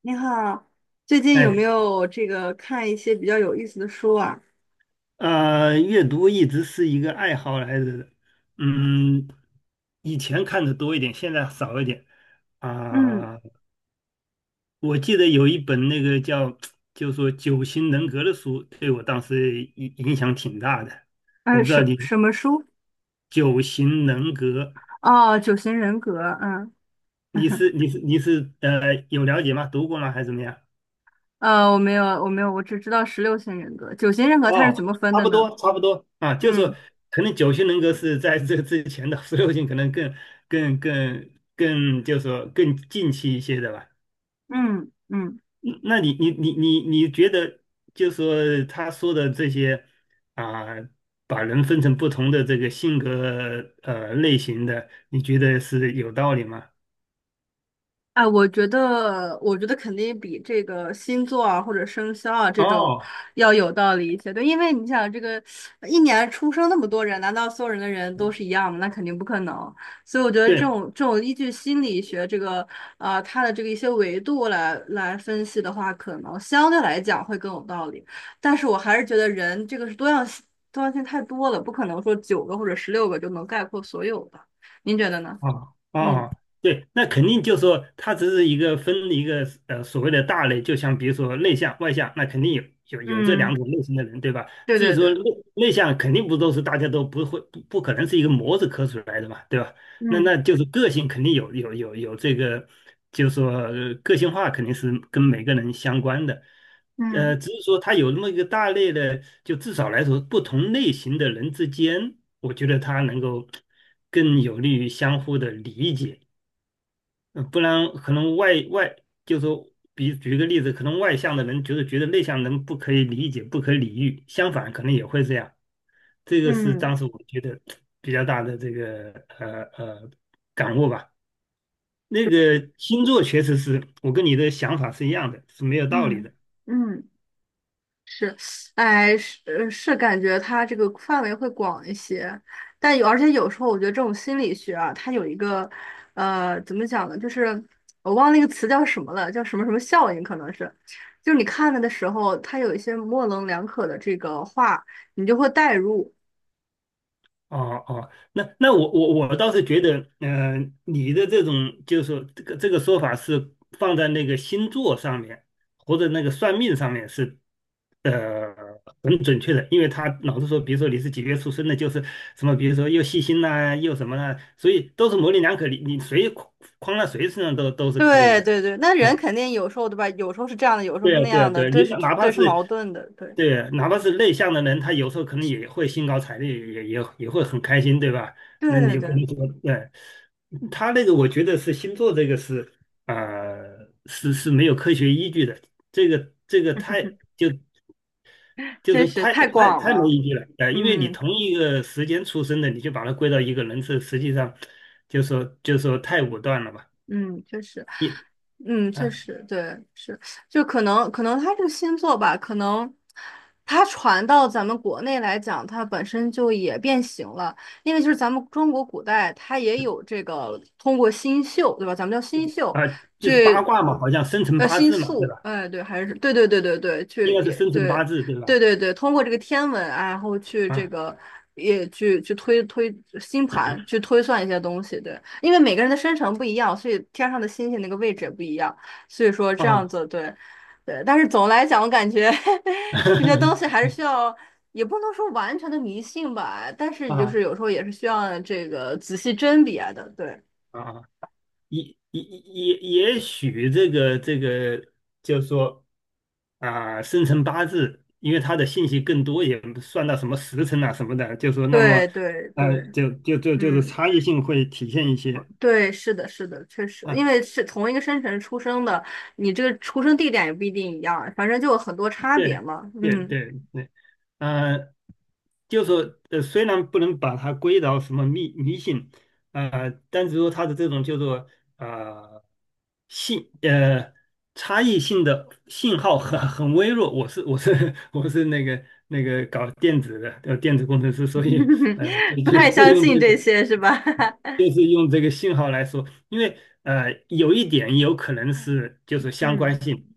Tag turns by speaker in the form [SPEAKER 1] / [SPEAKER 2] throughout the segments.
[SPEAKER 1] 你好，最近有
[SPEAKER 2] 哎，
[SPEAKER 1] 没有这个看一些比较有意思的书啊？
[SPEAKER 2] 阅读一直是一个爱好来着的，嗯，以前看的多一点，现在少一点
[SPEAKER 1] 嗯。
[SPEAKER 2] 啊。我记得有一本那个叫，就说《九型人格》的书，对我当时影响挺大的。我
[SPEAKER 1] 呃，
[SPEAKER 2] 不知道
[SPEAKER 1] 什
[SPEAKER 2] 你
[SPEAKER 1] 什么书？
[SPEAKER 2] 《九型人格》，
[SPEAKER 1] 哦，九型人格。嗯。
[SPEAKER 2] 你 是你是你是呃有了解吗？读过吗？还是怎么样？
[SPEAKER 1] 我没有，我没有，我只知道十六型人格。九型人格它是
[SPEAKER 2] 哦，
[SPEAKER 1] 怎么分
[SPEAKER 2] 差
[SPEAKER 1] 的
[SPEAKER 2] 不
[SPEAKER 1] 呢？
[SPEAKER 2] 多，差不多啊。就是
[SPEAKER 1] 嗯
[SPEAKER 2] 可能九型人格是在这之前的，十六型可能更更更，就是说更近期一些的吧。
[SPEAKER 1] 嗯嗯。
[SPEAKER 2] 嗯那你觉得，就是说他说的这些啊，把人分成不同的这个性格类型的，你觉得是有道理吗？
[SPEAKER 1] 哎，我觉得肯定比这个星座啊或者生肖啊这种
[SPEAKER 2] 哦，
[SPEAKER 1] 要有道理一些。对，因为你想，这个一年出生那么多人，难道所有人的人都是一样吗？那肯定不可能。所以我觉得这
[SPEAKER 2] 对，
[SPEAKER 1] 种这种依据心理学这个它的这个一些维度来分析的话，可能相对来讲会更有道理。但是我还是觉得人这个是多样性，多样性太多了，不可能说九个或者十六个就能概括所有的。您觉得呢？
[SPEAKER 2] 哦哦
[SPEAKER 1] 嗯
[SPEAKER 2] 哦，对，那肯定就是说它只是一个分一个所谓的大类，就像比如说内向外向，那肯定有这两
[SPEAKER 1] 嗯，
[SPEAKER 2] 种类型的人，对吧？
[SPEAKER 1] 对
[SPEAKER 2] 至于
[SPEAKER 1] 对
[SPEAKER 2] 说
[SPEAKER 1] 对。
[SPEAKER 2] 内向，肯定不都是大家都不会不可能是一个模子刻出来的嘛，对吧？那
[SPEAKER 1] 嗯
[SPEAKER 2] 那就是个性肯定有这个，就是说个性化肯定是跟每个人相关的，
[SPEAKER 1] 嗯
[SPEAKER 2] 只是说它有那么一个大类的，就至少来说，不同类型的人之间，我觉得它能够更有利于相互的理解。嗯，不然可能就是说，比举个例子，可能外向的人就是觉得内向人不可以理解、不可理喻，相反可能也会这样。这个是
[SPEAKER 1] 嗯
[SPEAKER 2] 当时我觉得比较大的这个呃呃感悟吧。那个星座确实是我跟你的想法是一样的，是没有道理
[SPEAKER 1] 嗯
[SPEAKER 2] 的。
[SPEAKER 1] 嗯，是。哎，是，感觉它这个范围会广一些，但有，而且有时候我觉得这种心理学啊，它有一个，怎么讲呢？就是我忘了那个词叫什么了，叫什么什么效应，可能是，就是你看了的时候，它有一些模棱两可的这个话，你就会代入。
[SPEAKER 2] 哦哦，那我倒是觉得，你的这种就是说这个说法是放在那个星座上面或者那个算命上面是，呃，很准确的。因为他老是说，比如说你是几月出生的，就是什么，比如说又细心呐、又什么啦、所以都是模棱两可，你谁框在谁身上都是可以
[SPEAKER 1] 对
[SPEAKER 2] 的。
[SPEAKER 1] 对对，那
[SPEAKER 2] 啊，
[SPEAKER 1] 人肯定有时候对吧？有时候是这样的，有时候
[SPEAKER 2] 对
[SPEAKER 1] 是那
[SPEAKER 2] 啊，对啊，
[SPEAKER 1] 样的，
[SPEAKER 2] 对啊，
[SPEAKER 1] 对
[SPEAKER 2] 你
[SPEAKER 1] 是
[SPEAKER 2] 哪怕
[SPEAKER 1] 对是
[SPEAKER 2] 是
[SPEAKER 1] 矛盾的，对。
[SPEAKER 2] 对，哪怕是内向的人，他有时候可能也会兴高采烈，也会很开心，对吧？
[SPEAKER 1] 对
[SPEAKER 2] 那
[SPEAKER 1] 对
[SPEAKER 2] 你不
[SPEAKER 1] 对，
[SPEAKER 2] 能说，对，他那个，我觉得是星座这个是，是没有科学依据的。这个太就就
[SPEAKER 1] 真
[SPEAKER 2] 是
[SPEAKER 1] 是
[SPEAKER 2] 太
[SPEAKER 1] 太
[SPEAKER 2] 太
[SPEAKER 1] 广
[SPEAKER 2] 太没
[SPEAKER 1] 了。
[SPEAKER 2] 依据了。因为你
[SPEAKER 1] 嗯
[SPEAKER 2] 同一个时间出生的，你就把它归到一个人，这实际上就说太武断了吧？
[SPEAKER 1] 嗯，确实。
[SPEAKER 2] 你
[SPEAKER 1] 嗯，确
[SPEAKER 2] 啊
[SPEAKER 1] 实，对，是，就可能它这个星座吧，可能它传到咱们国内来讲，它本身就也变形了，因为就是咱们中国古代它也有这个通过星宿，对吧？咱们叫星宿，
[SPEAKER 2] 啊，就是八
[SPEAKER 1] 去
[SPEAKER 2] 卦嘛，好像生辰八
[SPEAKER 1] 星
[SPEAKER 2] 字嘛，对吧？
[SPEAKER 1] 宿，哎，对，还是对对对对对，
[SPEAKER 2] 应
[SPEAKER 1] 去
[SPEAKER 2] 该是
[SPEAKER 1] 也
[SPEAKER 2] 生辰八
[SPEAKER 1] 对，
[SPEAKER 2] 字对
[SPEAKER 1] 对
[SPEAKER 2] 吧？
[SPEAKER 1] 对对，通过这个天文啊，然后去这
[SPEAKER 2] 啊
[SPEAKER 1] 个也去推星盘，去推算一些东西。对，因为每个人的生辰不一样，所以天上的星星那个位置也不一样，所以说这样
[SPEAKER 2] 啊
[SPEAKER 1] 子，对对。但是总的来讲，我感觉 这些东西还 是需要，也不能说完全的迷信吧，但是就
[SPEAKER 2] 啊
[SPEAKER 1] 是有时候也是需要这个仔细甄别的。对
[SPEAKER 2] 啊！也也也也许这个，就是说啊，生辰八字，因为它的信息更多，也不算到什么时辰啊什么的，就说那么，
[SPEAKER 1] 对对对，
[SPEAKER 2] 就是
[SPEAKER 1] 嗯。
[SPEAKER 2] 差异性会体现一些
[SPEAKER 1] 对，是的，是的，确实，因
[SPEAKER 2] 啊。
[SPEAKER 1] 为是同一个生辰出生的，你这个出生地点也不一定一样，反正就有很多差别
[SPEAKER 2] 对
[SPEAKER 1] 嘛。
[SPEAKER 2] 对
[SPEAKER 1] 嗯。
[SPEAKER 2] 对对，呃，就说虽然不能把它归到什么迷信，但是说它的这种叫做呃信呃差异性的信号很微弱。我是 我是那个搞电子的，电子工程师，所以就
[SPEAKER 1] 不
[SPEAKER 2] 就
[SPEAKER 1] 太
[SPEAKER 2] 借
[SPEAKER 1] 相
[SPEAKER 2] 用
[SPEAKER 1] 信
[SPEAKER 2] 这个。
[SPEAKER 1] 这些是吧？
[SPEAKER 2] 就是用这个信号来说，因为有一点有可能是就是相
[SPEAKER 1] 嗯
[SPEAKER 2] 关性。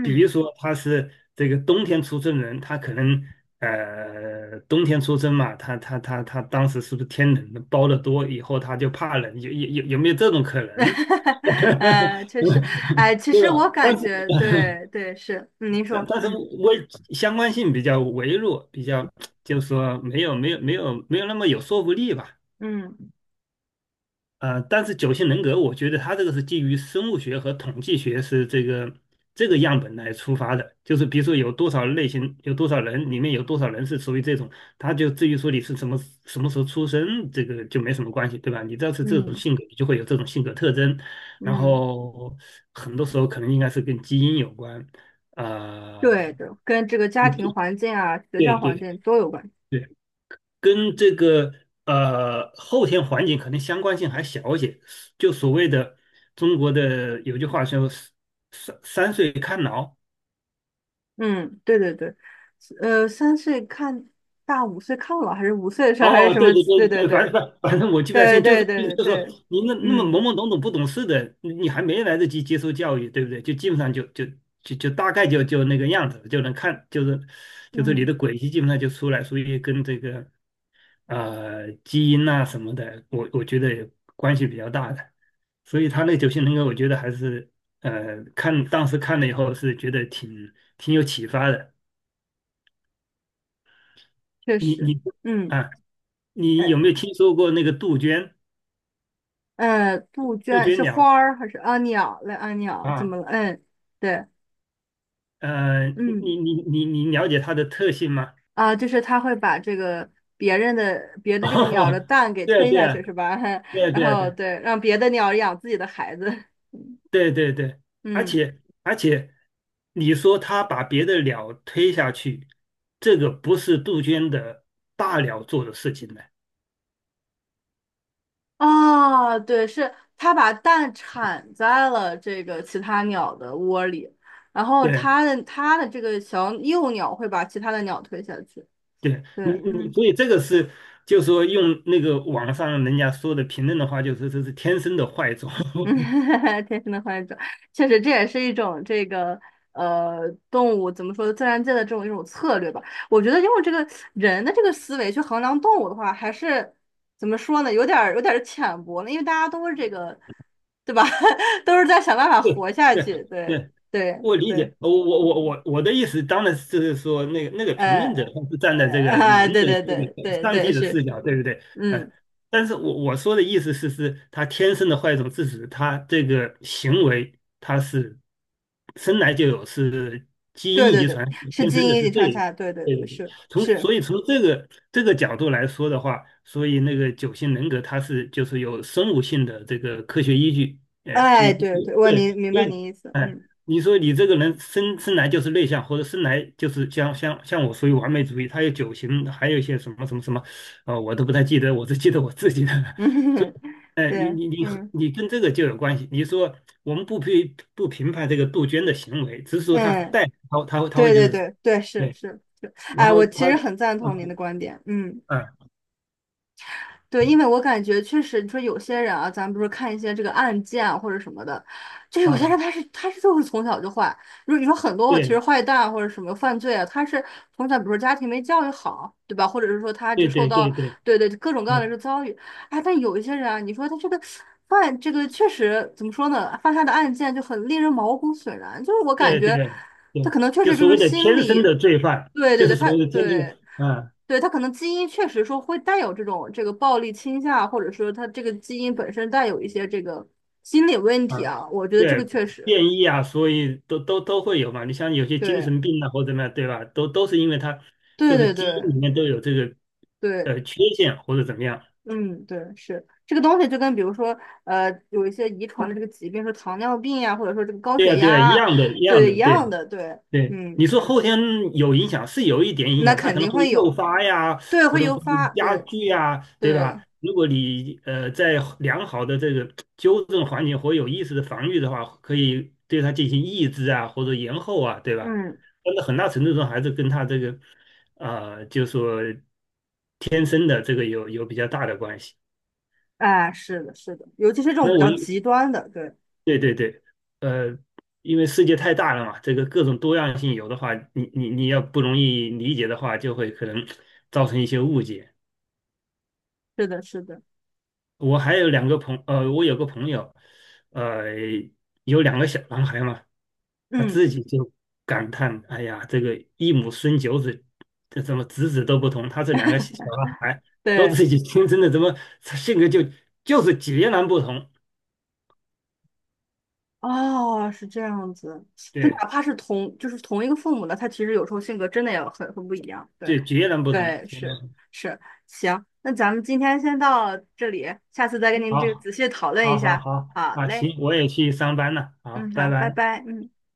[SPEAKER 2] 比如说他是这个冬天出生人，他可能冬天出生嘛，他当时是不是天冷包的多，以后他就怕冷，有没有这种可能？
[SPEAKER 1] 确实。哎，其
[SPEAKER 2] 对
[SPEAKER 1] 实我
[SPEAKER 2] 吧？但
[SPEAKER 1] 感
[SPEAKER 2] 是
[SPEAKER 1] 觉，对对，是，嗯您
[SPEAKER 2] 但
[SPEAKER 1] 说，
[SPEAKER 2] 但是
[SPEAKER 1] 嗯
[SPEAKER 2] 微相关性比较微弱，比较就是说没有那么有说服力吧。
[SPEAKER 1] 嗯
[SPEAKER 2] 但是九型人格，我觉得它这个是基于生物学和统计学是这个样本来出发的。就是比如说有多少类型，有多少人，里面有多少人是属于这种，它就至于说你是什么时候出生，这个就没什么关系，对吧？你只要是这种
[SPEAKER 1] 嗯
[SPEAKER 2] 性格，你就会有这种性格特征。然
[SPEAKER 1] 嗯，嗯
[SPEAKER 2] 后很多时候可能应该是跟基因有关，呃，
[SPEAKER 1] 对的，跟这个家
[SPEAKER 2] 嗯，
[SPEAKER 1] 庭环境啊、学
[SPEAKER 2] 对
[SPEAKER 1] 校环
[SPEAKER 2] 对
[SPEAKER 1] 境都有关系。
[SPEAKER 2] 对，跟这个后天环境可能相关性还小一些。就所谓的中国的有句话说"三岁看老"。
[SPEAKER 1] 嗯，对对对，三岁看大五岁看老，还是五岁的时候，还是
[SPEAKER 2] 哦，
[SPEAKER 1] 什
[SPEAKER 2] 对
[SPEAKER 1] 么？
[SPEAKER 2] 对对
[SPEAKER 1] 对对
[SPEAKER 2] 对，反正
[SPEAKER 1] 对
[SPEAKER 2] 反反正我记不太
[SPEAKER 1] 对
[SPEAKER 2] 清，就是
[SPEAKER 1] 对对
[SPEAKER 2] 说
[SPEAKER 1] 对，
[SPEAKER 2] 你那么懵
[SPEAKER 1] 嗯
[SPEAKER 2] 懵懂懂不懂事的，你还没来得及接受教育，对不对？就基本上就就就就大概就那个样子，就能看就是你
[SPEAKER 1] 嗯，
[SPEAKER 2] 的轨迹基本上就出来。所以跟这个基因呐、什么的，我觉得关系比较大的，所以他那九型人格，我觉得还是当时看了以后是觉得挺有启发的。
[SPEAKER 1] 确
[SPEAKER 2] 你
[SPEAKER 1] 实，
[SPEAKER 2] 你
[SPEAKER 1] 嗯
[SPEAKER 2] 啊，你有
[SPEAKER 1] 呃
[SPEAKER 2] 没有听说过那个
[SPEAKER 1] 杜
[SPEAKER 2] 杜
[SPEAKER 1] 鹃
[SPEAKER 2] 鹃
[SPEAKER 1] 是
[SPEAKER 2] 鸟
[SPEAKER 1] 花儿还是啊鸟来啊鸟怎么
[SPEAKER 2] 啊？
[SPEAKER 1] 了？嗯，对。嗯
[SPEAKER 2] 你了解它的特性吗？
[SPEAKER 1] 啊，就是他会把这个别 的这个鸟的
[SPEAKER 2] 哦，
[SPEAKER 1] 蛋给
[SPEAKER 2] 对啊，
[SPEAKER 1] 推
[SPEAKER 2] 对
[SPEAKER 1] 下
[SPEAKER 2] 啊，
[SPEAKER 1] 去是吧？
[SPEAKER 2] 对 啊，
[SPEAKER 1] 然
[SPEAKER 2] 对啊，对
[SPEAKER 1] 后
[SPEAKER 2] 啊，
[SPEAKER 1] 对，让别的鸟养自己的孩子，
[SPEAKER 2] 对对对。而
[SPEAKER 1] 嗯。
[SPEAKER 2] 且而且，你说他把别的鸟推下去，这个不是杜鹃的大鸟做的事情呢。
[SPEAKER 1] 啊，对，是它把蛋产在了这个其他鸟的窝里，然后
[SPEAKER 2] 对
[SPEAKER 1] 它的这个小幼鸟会把其他的鸟推下去。
[SPEAKER 2] 对，
[SPEAKER 1] 对，嗯
[SPEAKER 2] 所以这个是，就说用那个网上人家说的评论的话，就是这是天生的坏种。
[SPEAKER 1] 嗯，天生的幻想，确实这也是一种这个动物怎么说自然界的这种一种策略吧。我觉得用这个人的这个思维去衡量动物的话，还是怎么说呢，有点儿浅薄了，因为大家都是这个，对吧？都是在想办法
[SPEAKER 2] 对
[SPEAKER 1] 活下
[SPEAKER 2] 对
[SPEAKER 1] 去。对
[SPEAKER 2] 对，
[SPEAKER 1] 对
[SPEAKER 2] 我理
[SPEAKER 1] 对，
[SPEAKER 2] 解，我的意思当然是说，那个评论者
[SPEAKER 1] 呃
[SPEAKER 2] 他是站在
[SPEAKER 1] 呃
[SPEAKER 2] 这个人
[SPEAKER 1] 啊，对
[SPEAKER 2] 的
[SPEAKER 1] 对
[SPEAKER 2] 这
[SPEAKER 1] 对
[SPEAKER 2] 个
[SPEAKER 1] 对
[SPEAKER 2] 上帝
[SPEAKER 1] 对
[SPEAKER 2] 的
[SPEAKER 1] 是，
[SPEAKER 2] 视角，对不对？呃，
[SPEAKER 1] 嗯，
[SPEAKER 2] 但是我说的意思是，是他天生的坏种致使他这个行为，他是生来就有，是基
[SPEAKER 1] 对
[SPEAKER 2] 因
[SPEAKER 1] 对
[SPEAKER 2] 遗
[SPEAKER 1] 对，
[SPEAKER 2] 传
[SPEAKER 1] 是
[SPEAKER 2] 天
[SPEAKER 1] 基
[SPEAKER 2] 生的，
[SPEAKER 1] 因
[SPEAKER 2] 是
[SPEAKER 1] 遗
[SPEAKER 2] 这
[SPEAKER 1] 传下
[SPEAKER 2] 一
[SPEAKER 1] 来，对对
[SPEAKER 2] 对
[SPEAKER 1] 对
[SPEAKER 2] 对对。
[SPEAKER 1] 是是，
[SPEAKER 2] 所以从这个角度来说的话，所以那个九型人格它是就是有生物性的这个科学依据。哎，你
[SPEAKER 1] 哎，对
[SPEAKER 2] 你
[SPEAKER 1] 对，
[SPEAKER 2] 对，
[SPEAKER 1] 你明
[SPEAKER 2] 所
[SPEAKER 1] 白
[SPEAKER 2] 以
[SPEAKER 1] 你意思，
[SPEAKER 2] 哎。
[SPEAKER 1] 嗯。
[SPEAKER 2] 你说你这个人生来就是内向，或者生来就是像我属于完美主义，他有九型，还有一些什么什么什么。我都不太记得，我只记得我自己的。所
[SPEAKER 1] 嗯，
[SPEAKER 2] 以，哎，你
[SPEAKER 1] 对，
[SPEAKER 2] 你你和
[SPEAKER 1] 嗯
[SPEAKER 2] 你跟这个就有关系。你说我们不评判这个杜鹃的行为，只是说他
[SPEAKER 1] 嗯，
[SPEAKER 2] 带他他会他会
[SPEAKER 1] 对
[SPEAKER 2] 就
[SPEAKER 1] 对
[SPEAKER 2] 是，
[SPEAKER 1] 对对，是
[SPEAKER 2] 对。
[SPEAKER 1] 是是，
[SPEAKER 2] 然
[SPEAKER 1] 哎，
[SPEAKER 2] 后
[SPEAKER 1] 我其实很赞同您的
[SPEAKER 2] 嗯
[SPEAKER 1] 观点，嗯。
[SPEAKER 2] 嗯
[SPEAKER 1] 对，因为我感觉确实，你说有些人啊，咱不是看一些这个案件啊或者什么的，就有些
[SPEAKER 2] 啊，
[SPEAKER 1] 人他是就是从小就坏。如果你说很多其实
[SPEAKER 2] 对
[SPEAKER 1] 坏蛋啊或者什么犯罪啊，他是从小比如说家庭没教育好，对吧？或者是说他这
[SPEAKER 2] 对
[SPEAKER 1] 个受
[SPEAKER 2] 对对
[SPEAKER 1] 到，
[SPEAKER 2] 对，
[SPEAKER 1] 对对，各种各样的这
[SPEAKER 2] 嗯，
[SPEAKER 1] 个遭遇，哎，但有一些人啊，你说他这个犯这个确实怎么说呢？犯下的案件就很令人毛骨悚然，就是我感
[SPEAKER 2] 对对
[SPEAKER 1] 觉
[SPEAKER 2] 对
[SPEAKER 1] 他
[SPEAKER 2] 对，
[SPEAKER 1] 可能确
[SPEAKER 2] 就
[SPEAKER 1] 实就
[SPEAKER 2] 所
[SPEAKER 1] 是
[SPEAKER 2] 谓的
[SPEAKER 1] 心
[SPEAKER 2] 天生的
[SPEAKER 1] 理，
[SPEAKER 2] 罪犯，
[SPEAKER 1] 对对
[SPEAKER 2] 就是
[SPEAKER 1] 对，
[SPEAKER 2] 所
[SPEAKER 1] 他
[SPEAKER 2] 谓的天生的。
[SPEAKER 1] 对。
[SPEAKER 2] 嗯，
[SPEAKER 1] 对，他可能基因确实说会带有这种这个暴力倾向，或者说他这个基因本身带有一些这个心理问题
[SPEAKER 2] 啊，
[SPEAKER 1] 啊，我觉得这个
[SPEAKER 2] 对，
[SPEAKER 1] 确实对，
[SPEAKER 2] 变异啊，所以都会有嘛。你像有些精
[SPEAKER 1] 对，
[SPEAKER 2] 神病啊，或者怎么样，对吧？都是因为它
[SPEAKER 1] 对
[SPEAKER 2] 就是
[SPEAKER 1] 对
[SPEAKER 2] 基因
[SPEAKER 1] 对
[SPEAKER 2] 里面都有这个
[SPEAKER 1] 对，
[SPEAKER 2] 缺陷或者怎么样。
[SPEAKER 1] 嗯，对，是这个东西就跟比如说有一些遗传的这个疾病，说糖尿病呀，或者说这个高
[SPEAKER 2] 对
[SPEAKER 1] 血
[SPEAKER 2] 呀，对呀，一
[SPEAKER 1] 压啊，
[SPEAKER 2] 样的，一样
[SPEAKER 1] 对，一
[SPEAKER 2] 的，
[SPEAKER 1] 样
[SPEAKER 2] 对，
[SPEAKER 1] 的，对，
[SPEAKER 2] 对。
[SPEAKER 1] 嗯，
[SPEAKER 2] 你说后天有影响是有一点影
[SPEAKER 1] 那
[SPEAKER 2] 响，它
[SPEAKER 1] 肯
[SPEAKER 2] 可能
[SPEAKER 1] 定
[SPEAKER 2] 会
[SPEAKER 1] 会
[SPEAKER 2] 诱
[SPEAKER 1] 有，
[SPEAKER 2] 发呀，
[SPEAKER 1] 对，
[SPEAKER 2] 可
[SPEAKER 1] 会
[SPEAKER 2] 能
[SPEAKER 1] 诱
[SPEAKER 2] 会
[SPEAKER 1] 发，
[SPEAKER 2] 加
[SPEAKER 1] 对
[SPEAKER 2] 剧呀，对吧？
[SPEAKER 1] 对，
[SPEAKER 2] 如果你在良好的这个纠正环境或有意识的防御的话，可以对它进行抑制啊，或者延后啊，对吧？
[SPEAKER 1] 嗯。
[SPEAKER 2] 但是很大程度上还是跟它这个就说天生的这个有比较大的关系。
[SPEAKER 1] 哎，是的，是的，尤其是这种
[SPEAKER 2] 那
[SPEAKER 1] 比
[SPEAKER 2] 我
[SPEAKER 1] 较极端的，对，
[SPEAKER 2] 对对对，呃，因为世界太大了嘛，这个各种多样性有的话，你要不容易理解的话，就会可能造成一些误解。
[SPEAKER 1] 是的，是的，
[SPEAKER 2] 我有个朋友，呃，有两个小男孩嘛，他
[SPEAKER 1] 嗯，
[SPEAKER 2] 自己就感叹："哎呀，这个一母生九子，这怎么子子都不同？他这两个小男孩都
[SPEAKER 1] 对。
[SPEAKER 2] 自己亲生的，怎么性格就是截然不同？
[SPEAKER 1] 哦，是这样子，就
[SPEAKER 2] 对，
[SPEAKER 1] 哪怕是同，就是同一个父母的，他其实有时候性格真的也很不一样。对，
[SPEAKER 2] 对，截然不同。"
[SPEAKER 1] 对，是是，行，那咱们今天先到这里，下次再跟您这个
[SPEAKER 2] 好，
[SPEAKER 1] 仔细讨论一
[SPEAKER 2] 好，好，
[SPEAKER 1] 下。
[SPEAKER 2] 好，
[SPEAKER 1] 好
[SPEAKER 2] 啊，
[SPEAKER 1] 嘞，
[SPEAKER 2] 行，我也去上班了，
[SPEAKER 1] 嗯，
[SPEAKER 2] 好，拜
[SPEAKER 1] 好，拜
[SPEAKER 2] 拜。
[SPEAKER 1] 拜，嗯。